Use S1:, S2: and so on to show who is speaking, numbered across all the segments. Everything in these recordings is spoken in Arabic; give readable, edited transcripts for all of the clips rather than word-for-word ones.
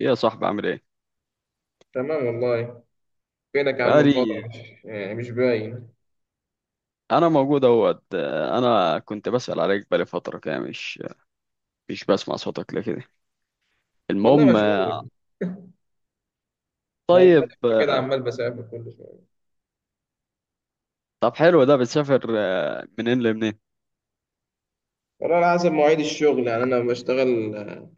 S1: إيه يا صاحبي، عامل ايه؟
S2: تمام والله. فينك يا عم من فترة؟
S1: بقالي.
S2: مش باين.
S1: انا موجود اهوت، انا كنت بسأل عليك بقالي فترة كده، مش بسمع صوتك ليه كده.
S2: والله
S1: المهم.
S2: مشغول. بل بل
S1: طيب
S2: كده
S1: آه،
S2: عمال بسافر كل شوية.
S1: طب حلو ده، بتسافر منين لمنين؟
S2: والله على حسب مواعيد الشغل. يعني أنا بشتغل،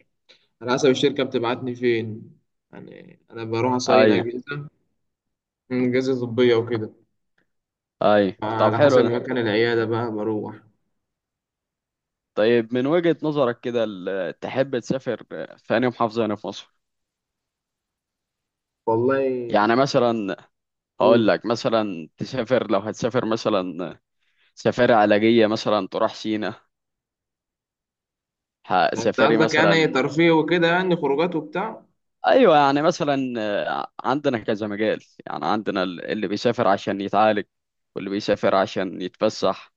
S2: على حسب الشركة بتبعتني فين. يعني أنا بروح أصين
S1: ايوه،
S2: أجهزة. أجهزة طبية وكده.
S1: ايوه. طب
S2: على
S1: حلو
S2: حسب
S1: ده.
S2: مكان العيادة بقى بروح.
S1: طيب من وجهة نظرك كده، تحب تسافر في أي محافظة هنا في مصر؟
S2: والله
S1: يعني
S2: أحسن
S1: مثلا، هقول
S2: أقول.
S1: لك مثلا تسافر، لو هتسافر مثلا سفاري علاجية، مثلا تروح سينا،
S2: يعني أنت
S1: سفاري
S2: قصدك يعني
S1: مثلا.
S2: ترفيه وكده، يعني خروجات وبتاع؟
S1: ايوه، يعني مثلا عندنا كذا مجال. يعني عندنا اللي بيسافر عشان يتعالج، واللي بيسافر عشان يتفسح،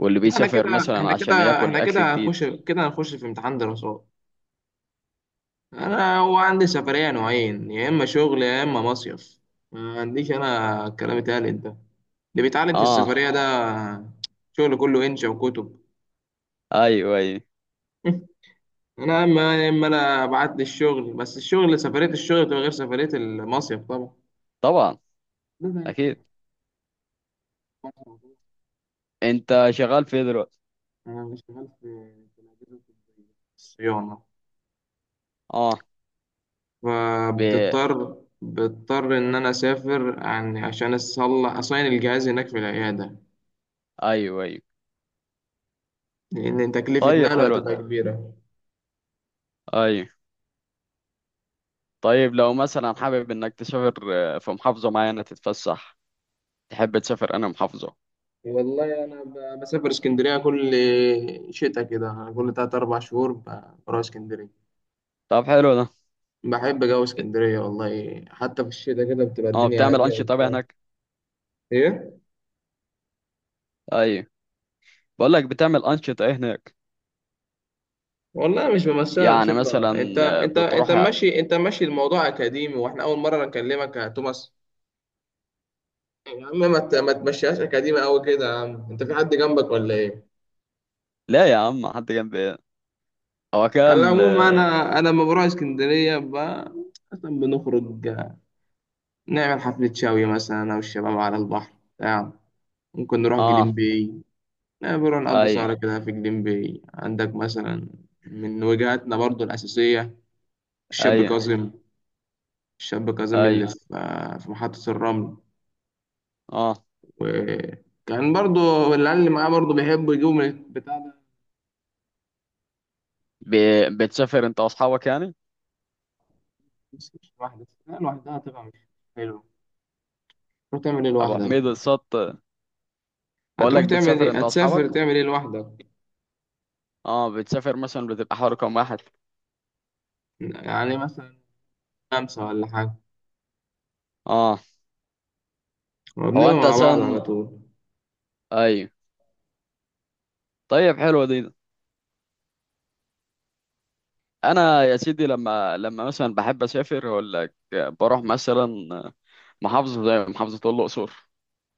S1: واللي
S2: لا،
S1: بيسافر مثلا
S2: احنا
S1: عشان
S2: كده
S1: ياكل
S2: احنا
S1: اكل
S2: كده
S1: جديد.
S2: هنخش في امتحان دراسات. انا هو عندي سفرية نوعين، يا اما شغل يا اما مصيف. ما عنديش انا الكلام اتقال ده اللي بيتعلم في
S1: اه،
S2: السفرية ده، شغل كله انشا وكتب.
S1: ايوه، ايوه.
S2: انا اما اما انا ابعت لي الشغل، بس الشغل، سفرية الشغل بتبقى غير سفرية المصيف طبعا.
S1: طبعا.
S2: ده
S1: اكيد.
S2: يعني،
S1: انت شغال في إيه دلوقتي؟
S2: انا شغال في الاجهزة الطبية، الصيانة.
S1: اه. ب...
S2: فبتضطر، بضطر ان انا اسافر عن عشان اصلح اصين الجهاز هناك في العيادة،
S1: ايوه، ايوه.
S2: لان تكلفة
S1: طيب،
S2: نقله
S1: حلو ده.
S2: هتبقى كبيرة.
S1: ايوه. طيب لو مثلا حابب انك تسافر في محافظة معينة تتفسح، تحب تسافر انا محافظة.
S2: والله انا بسافر اسكندريه كل شتاء كده. انا كل تلات اربع شهور بروح اسكندريه.
S1: طب حلو ده.
S2: بحب جو
S1: بت-
S2: اسكندريه والله، حتى في الشتاء كده بتبقى
S1: اه،
S2: الدنيا
S1: بتعمل
S2: هاديه
S1: انشطة بقى
S2: وبتاع.
S1: هناك؟
S2: ايه؟
S1: ايوه. بقول لك، بتعمل انشطة ايه هناك؟
S2: والله مش بمثلها
S1: يعني
S2: انشطه.
S1: مثلا بتروح.
S2: انت ماشي الموضوع اكاديمي، واحنا اول مره نكلمك يا توماس. يا عم ما تمشيهاش اكاديمي قوي كده يا عم. انت في حد جنبك ولا ايه؟
S1: لا يا عم، حد جنب ايه؟ هو كده
S2: على العموم، انا لما بروح اسكندريه مثلا بنخرج نعمل حفله شاوي مثلا، انا والشباب على البحر بتاع ممكن نروح جليم
S1: اه.
S2: باي. لا، بنروح
S1: آه،
S2: نقضي سهرة
S1: اي،
S2: كده في جليم باي عندك مثلا. من وجهاتنا برضو الأساسية الشاب
S1: اي،
S2: كاظم، الشاب كاظم
S1: اي.
S2: اللي في في محطة الرمل.
S1: اه.
S2: وكان برضو العيال اللي معاه برضو بيحبوا يجيبوا من البتاع ده.
S1: ب... بتسافر انت واصحابك يعني؟
S2: بس مش لوحدك، لا لوحدها هتبقى مش حلو. تروح تعمل ايه
S1: ابو
S2: لوحدك؟
S1: حميد السط. بقول
S2: هتروح
S1: لك،
S2: تعمل
S1: بتسافر
S2: ايه؟
S1: انت
S2: هتسافر
S1: واصحابك؟
S2: تعمل ايه لوحدك؟
S1: اه، بتسافر مثلا بتبقى حوالي كام واحد؟
S2: يعني مثلا خمسة ولا حاجة،
S1: اه. هو
S2: وبنبقى
S1: انت
S2: مع بعض
S1: اساسا.
S2: على طول.
S1: اي. طيب، حلوه دي. انا يا سيدي، لما مثلا بحب اسافر، اقول لك بروح مثلا محافظه زي محافظه الاقصر.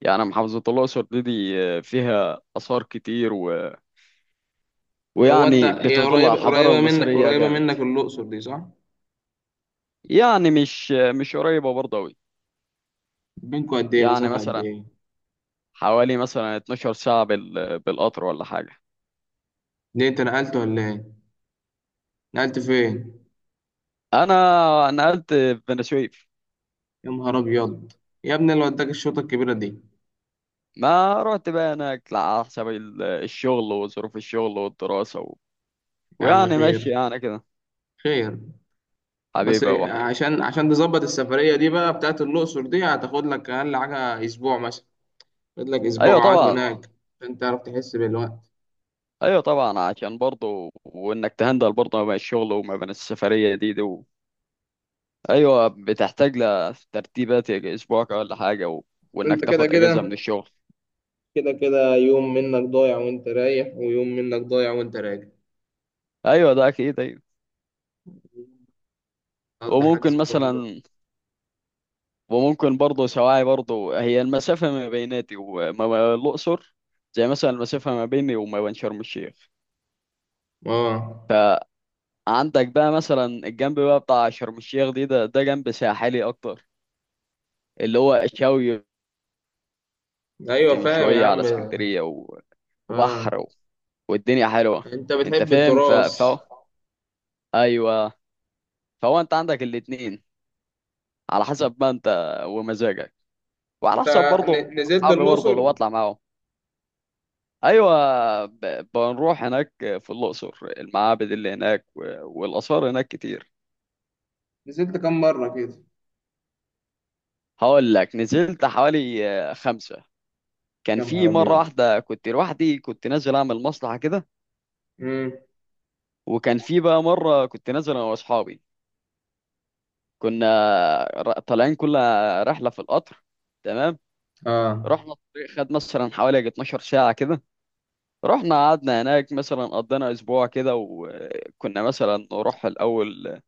S1: يعني محافظه الاقصر دي فيها اثار كتير،
S2: هو انت،
S1: ويعني
S2: هي
S1: بتدل على
S2: قريبة،
S1: الحضارة
S2: قريبة منك
S1: المصرية
S2: قريبة
S1: جامد.
S2: منك الأقصر دي صح؟
S1: يعني مش قريبة برضه أوي.
S2: بينكوا قد ايه؟
S1: يعني
S2: مسافة قد
S1: مثلا،
S2: ايه؟
S1: حوالي مثلا 12 ساعة بالقطر ولا حاجة.
S2: ليه انت نقلت ولا ايه؟ نقلت فين؟
S1: أنا نقلت في بني سويف.
S2: يا نهار ابيض، يا ابني اللي وداك الشوطة الكبيرة دي.
S1: ما رحت بقى هناك لا، على حسب الشغل وظروف الشغل والدراسة. و...
S2: يا عم
S1: ويعني ماشي
S2: خير
S1: يعني كده.
S2: خير. بس
S1: حبيبي يا أبو حميد.
S2: عشان تظبط السفرية دي بقى بتاعت الأقصر دي، هتاخد لك أقل حاجة أسبوع مثلا. خد لك أسبوع
S1: أيوة
S2: قعد
S1: طبعا.
S2: هناك عشان تعرف تحس بالوقت.
S1: أيوة طبعا، عشان برضه وإنك تهندل برضه ما بين الشغل وما بين السفرية دي. ايوه، بتحتاج لترتيبات، يعني اسبوع ولا حاجه. و... وانك
S2: انت كده
S1: تاخد اجازه
S2: كده،
S1: من الشغل.
S2: كده كده يوم منك ضايع وانت رايح، ويوم منك ضايع وانت راجع.
S1: ايوه، ده اكيد، ايوه.
S2: تقضي حجز
S1: وممكن
S2: فندق.
S1: مثلا، وممكن برضه سواعي برضه، هي المسافه ما بيناتي وما الاقصر زي مثلا المسافه ما بيني وما بين شرم الشيخ.
S2: اه.
S1: فعندك بقى مثلا الجنب بقى بتاع شرم الشيخ دي، ده جنب ساحلي اكتر، اللي هو الشاوي. قلت
S2: ايوه
S1: من
S2: فاهم يا
S1: شويه على
S2: عم.
S1: اسكندريه، و...
S2: اه،
S1: وبحر، و... والدنيا حلوه.
S2: انت
S1: انت
S2: بتحب
S1: فاهم. ف...
S2: التراث؟
S1: ف... ايوه. فهو انت عندك الاتنين، على حسب ما انت، ومزاجك، وعلى
S2: انت
S1: حسب برضه
S2: نزلت
S1: اصحابي برضه اللي
S2: الأقصر؟
S1: بطلع معاهم. ايوه، بنروح هناك في الاقصر، المعابد اللي هناك والاثار هناك كتير.
S2: نزلت كام مرة كده؟
S1: هقول لك، نزلت حوالي خمسه. كان
S2: يا نهار
S1: في مره
S2: ابيض.
S1: واحده كنت لوحدي، كنت نازل اعمل مصلحه كده.
S2: امم
S1: وكان في بقى مره كنت نازل انا واصحابي، كنا طالعين كل رحله في القطر. تمام.
S2: اه،
S1: رحنا الطريق خد مثلا حوالي يجي 12 ساعه كده. رحنا قعدنا هناك مثلا قضينا اسبوع كده، وكنا مثلا نروح الاول،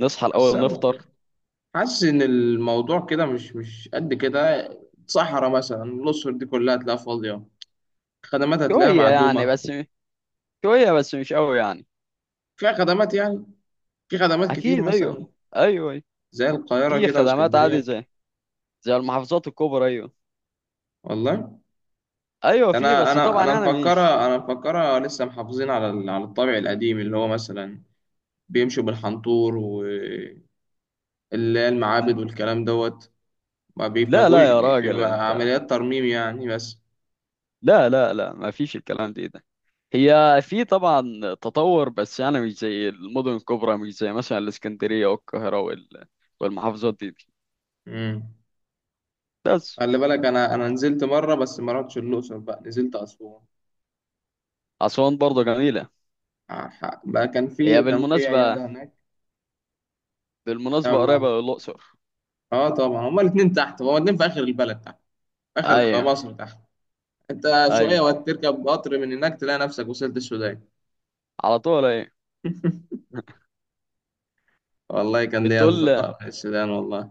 S1: نصحى
S2: بس
S1: الاول
S2: انا والله
S1: نفطر.
S2: حاسس ان الموضوع كده مش قد كده. صحراء مثلا، الأقصر دي كلها هتلاقيها فاضية، خدمات هتلاقيها
S1: شويه يعني
S2: معدومة.
S1: بس، شويه بس مش قوي يعني.
S2: فيها خدمات يعني؟ في خدمات كتير
S1: اكيد، ايوه.
S2: مثلا
S1: ايوه، أيوة.
S2: زي القاهرة
S1: في
S2: كده
S1: خدمات عادي
S2: واسكندرية.
S1: زي زي المحافظات الكبرى، ايوه.
S2: والله
S1: ايوه
S2: ده
S1: في،
S2: انا
S1: بس
S2: انا
S1: طبعا
S2: انا
S1: انا
S2: مفكرة،
S1: مش.
S2: انا مفكرة لسه محافظين على على الطابع القديم اللي هو مثلا بيمشوا بالحنطور، واللي هي المعابد والكلام دوت. ما بيبقى،
S1: لا لا يا راجل
S2: بيبقى
S1: انت،
S2: عمليات ترميم يعني بس.
S1: لا لا لا ما فيش الكلام دي ده. هي في طبعا تطور، بس انا مش زي المدن الكبرى، مش زي مثلا الاسكندريه والقاهره والمحافظات دي.
S2: امم
S1: بس.
S2: خلي بالك انا نزلت مره، بس ما رحتش الاقصر، بقى نزلت اسوان.
S1: اسوان برضه جميله.
S2: بقى
S1: هي
S2: كان في
S1: بالمناسبة،
S2: عياده هناك.
S1: بالمناسبة قريبة
S2: يلا.
S1: للأقصر.
S2: اه طبعا، هما الاثنين تحت، هما الاثنين في اخر البلد تحت، في اخر
S1: أيوة.
S2: مصر تحت. انت شويه
S1: أيوة،
S2: وهتركب قطر من هناك تلاقي نفسك وصلت السودان.
S1: على طول أيوة.
S2: والله كان ليا
S1: بتقول
S2: اصدقاء في السودان. والله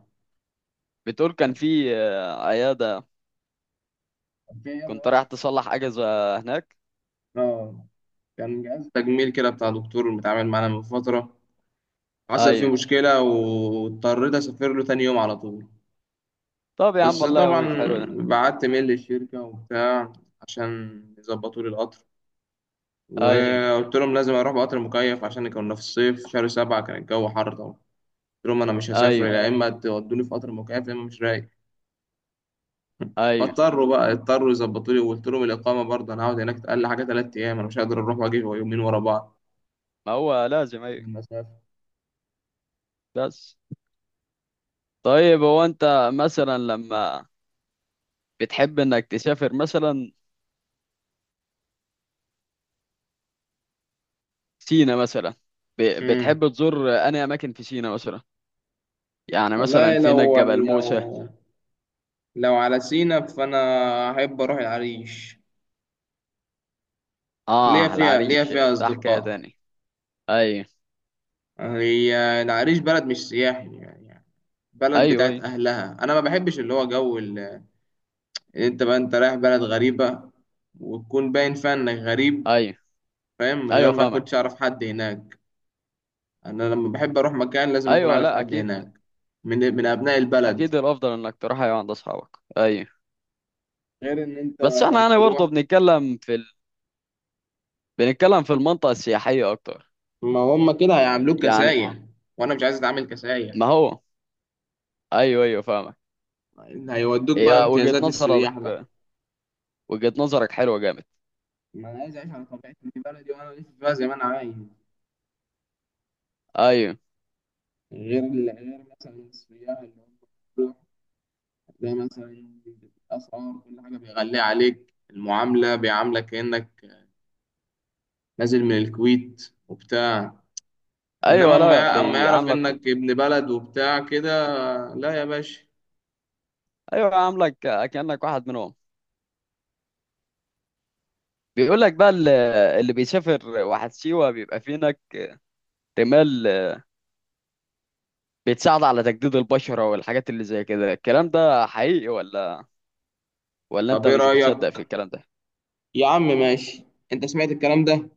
S1: بتقول كان في عيادة.
S2: كان في عيادة
S1: كنت
S2: واقفة.
S1: رايح تصلح أجهزة هناك.
S2: اه. كان جهاز تجميل كده بتاع دكتور متعامل معانا من فتره، حصل فيه
S1: أيوة.
S2: مشكله واضطريت اسافر له تاني يوم على طول.
S1: طب يا عم
S2: بس
S1: الله
S2: طبعا
S1: يقويك، حلو ده.
S2: بعت ميل للشركة وبتاع عشان يظبطوا لي القطر،
S1: أيوة.
S2: وقلت لهم لازم اروح بقطر مكيف، عشان كنا في الصيف، شهر 7 كان الجو حر طبعا. قلت لهم انا مش هسافر،
S1: أيوة.
S2: يا اما تودوني في قطر مكيف يا اما مش رايق.
S1: أيوة،
S2: فاضطروا بقى، اضطروا يظبطوا لي. وقلت لهم الاقامة برضه، انا هقعد هناك اقل حاجة 3 ايام، انا مش هقدر اروح واجي يومين ورا بعض
S1: ما هو لازم،
S2: من
S1: أيوة.
S2: المسافة.
S1: بس. طيب هو أنت مثلا لما بتحب إنك تسافر مثلا سينا مثلا،
S2: امم.
S1: بتحب تزور أنهي أماكن في سينا مثلا؟ يعني
S2: والله
S1: مثلا، فين جبل موسى؟
S2: لو على سينا فانا احب اروح العريش. ليا
S1: آه،
S2: فيها،
S1: العريش ده حكاية
S2: اصدقاء.
S1: تاني. أيوة.
S2: هي العريش بلد مش سياحي يعني، يعني بلد
S1: ايوه،
S2: بتاعت
S1: ايوه.
S2: أهلها. أنا ما بحبش اللي هو جو أنت بقى أنت رايح بلد غريبة، وتكون باين فيها إنك غريب.
S1: ايوه،
S2: فاهم؟ من غير
S1: ايوه
S2: ما
S1: فاهمك.
S2: كنتش أعرف حد هناك. أنا لما بحب أروح مكان لازم أكون
S1: ايوه،
S2: عارف
S1: لا
S2: حد
S1: اكيد.
S2: هناك، من أبناء
S1: اكيد
S2: البلد.
S1: الافضل انك تروح، ايوه، عند اصحابك، ايوه.
S2: غير إن أنت
S1: بس احنا يعني
S2: تروح،
S1: برضه بنتكلم في بنتكلم في المنطقه السياحيه اكتر
S2: ما هم كده هيعاملوك
S1: يعني.
S2: كسايح، وأنا مش عايز أتعامل كسايح.
S1: ما هو. ايوه، ايوه فاهمك.
S2: هيودوك بقى
S1: هي وجهه
S2: امتيازات السياح بقى.
S1: نظرك، وجهه نظرك حلوه جامد.
S2: ما أنا عايز أعيش على طبيعتي في بلدي، وأنا أعيش فيها زي ما أنا عايز.
S1: ايوه،
S2: غير غير مثلا السياح اللي هم بيروح ده مثلا، الأسعار كل حاجة بيغلي عليك، المعاملة بيعاملك كأنك نازل من الكويت وبتاع. إنما
S1: ايوه،
S2: أما
S1: لا
S2: أما يعرف
S1: بيعاملك.
S2: إنك ابن بلد وبتاع كده، لا يا باشا.
S1: ايوه، عاملك كانك واحد منهم. بيقول لك بقى اللي بيسافر واحد سيوه بيبقى في هناك رمال بتساعد على تجديد البشره والحاجات اللي زي كده. الكلام ده حقيقي، ولا
S2: طب
S1: انت
S2: إيه
S1: مش بتصدق في
S2: رأيك؟
S1: الكلام ده؟
S2: يا عم ماشي. أنت سمعت الكلام ده؟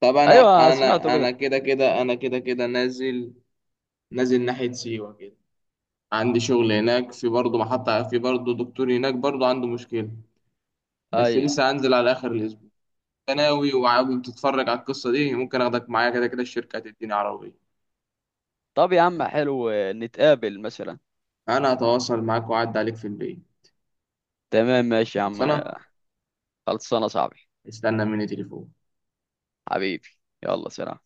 S2: طب أنا،
S1: ايوه، سمعته
S2: أنا أنا
S1: كده.
S2: كده كده أنا كده كده نازل، نازل ناحية سيوة كده. عندي شغل هناك، في برضه محطة، في برضه دكتور هناك برضه عنده مشكلة. بس
S1: ايوه،
S2: لسه هنزل على آخر الأسبوع. ثانوي وعاوز تتفرج على القصة دي، ممكن اخدك معايا. كده كده الشركة هتديني عربية.
S1: طب يا عم حلو، نتقابل مثلا.
S2: انا هتواصل معاك، واعد عليك في البيت.
S1: تمام، ماشي يا عم.
S2: خلصانة.
S1: خلصانه صاحبي.
S2: استنى مني تليفون.
S1: حبيبي. يلا، سلام.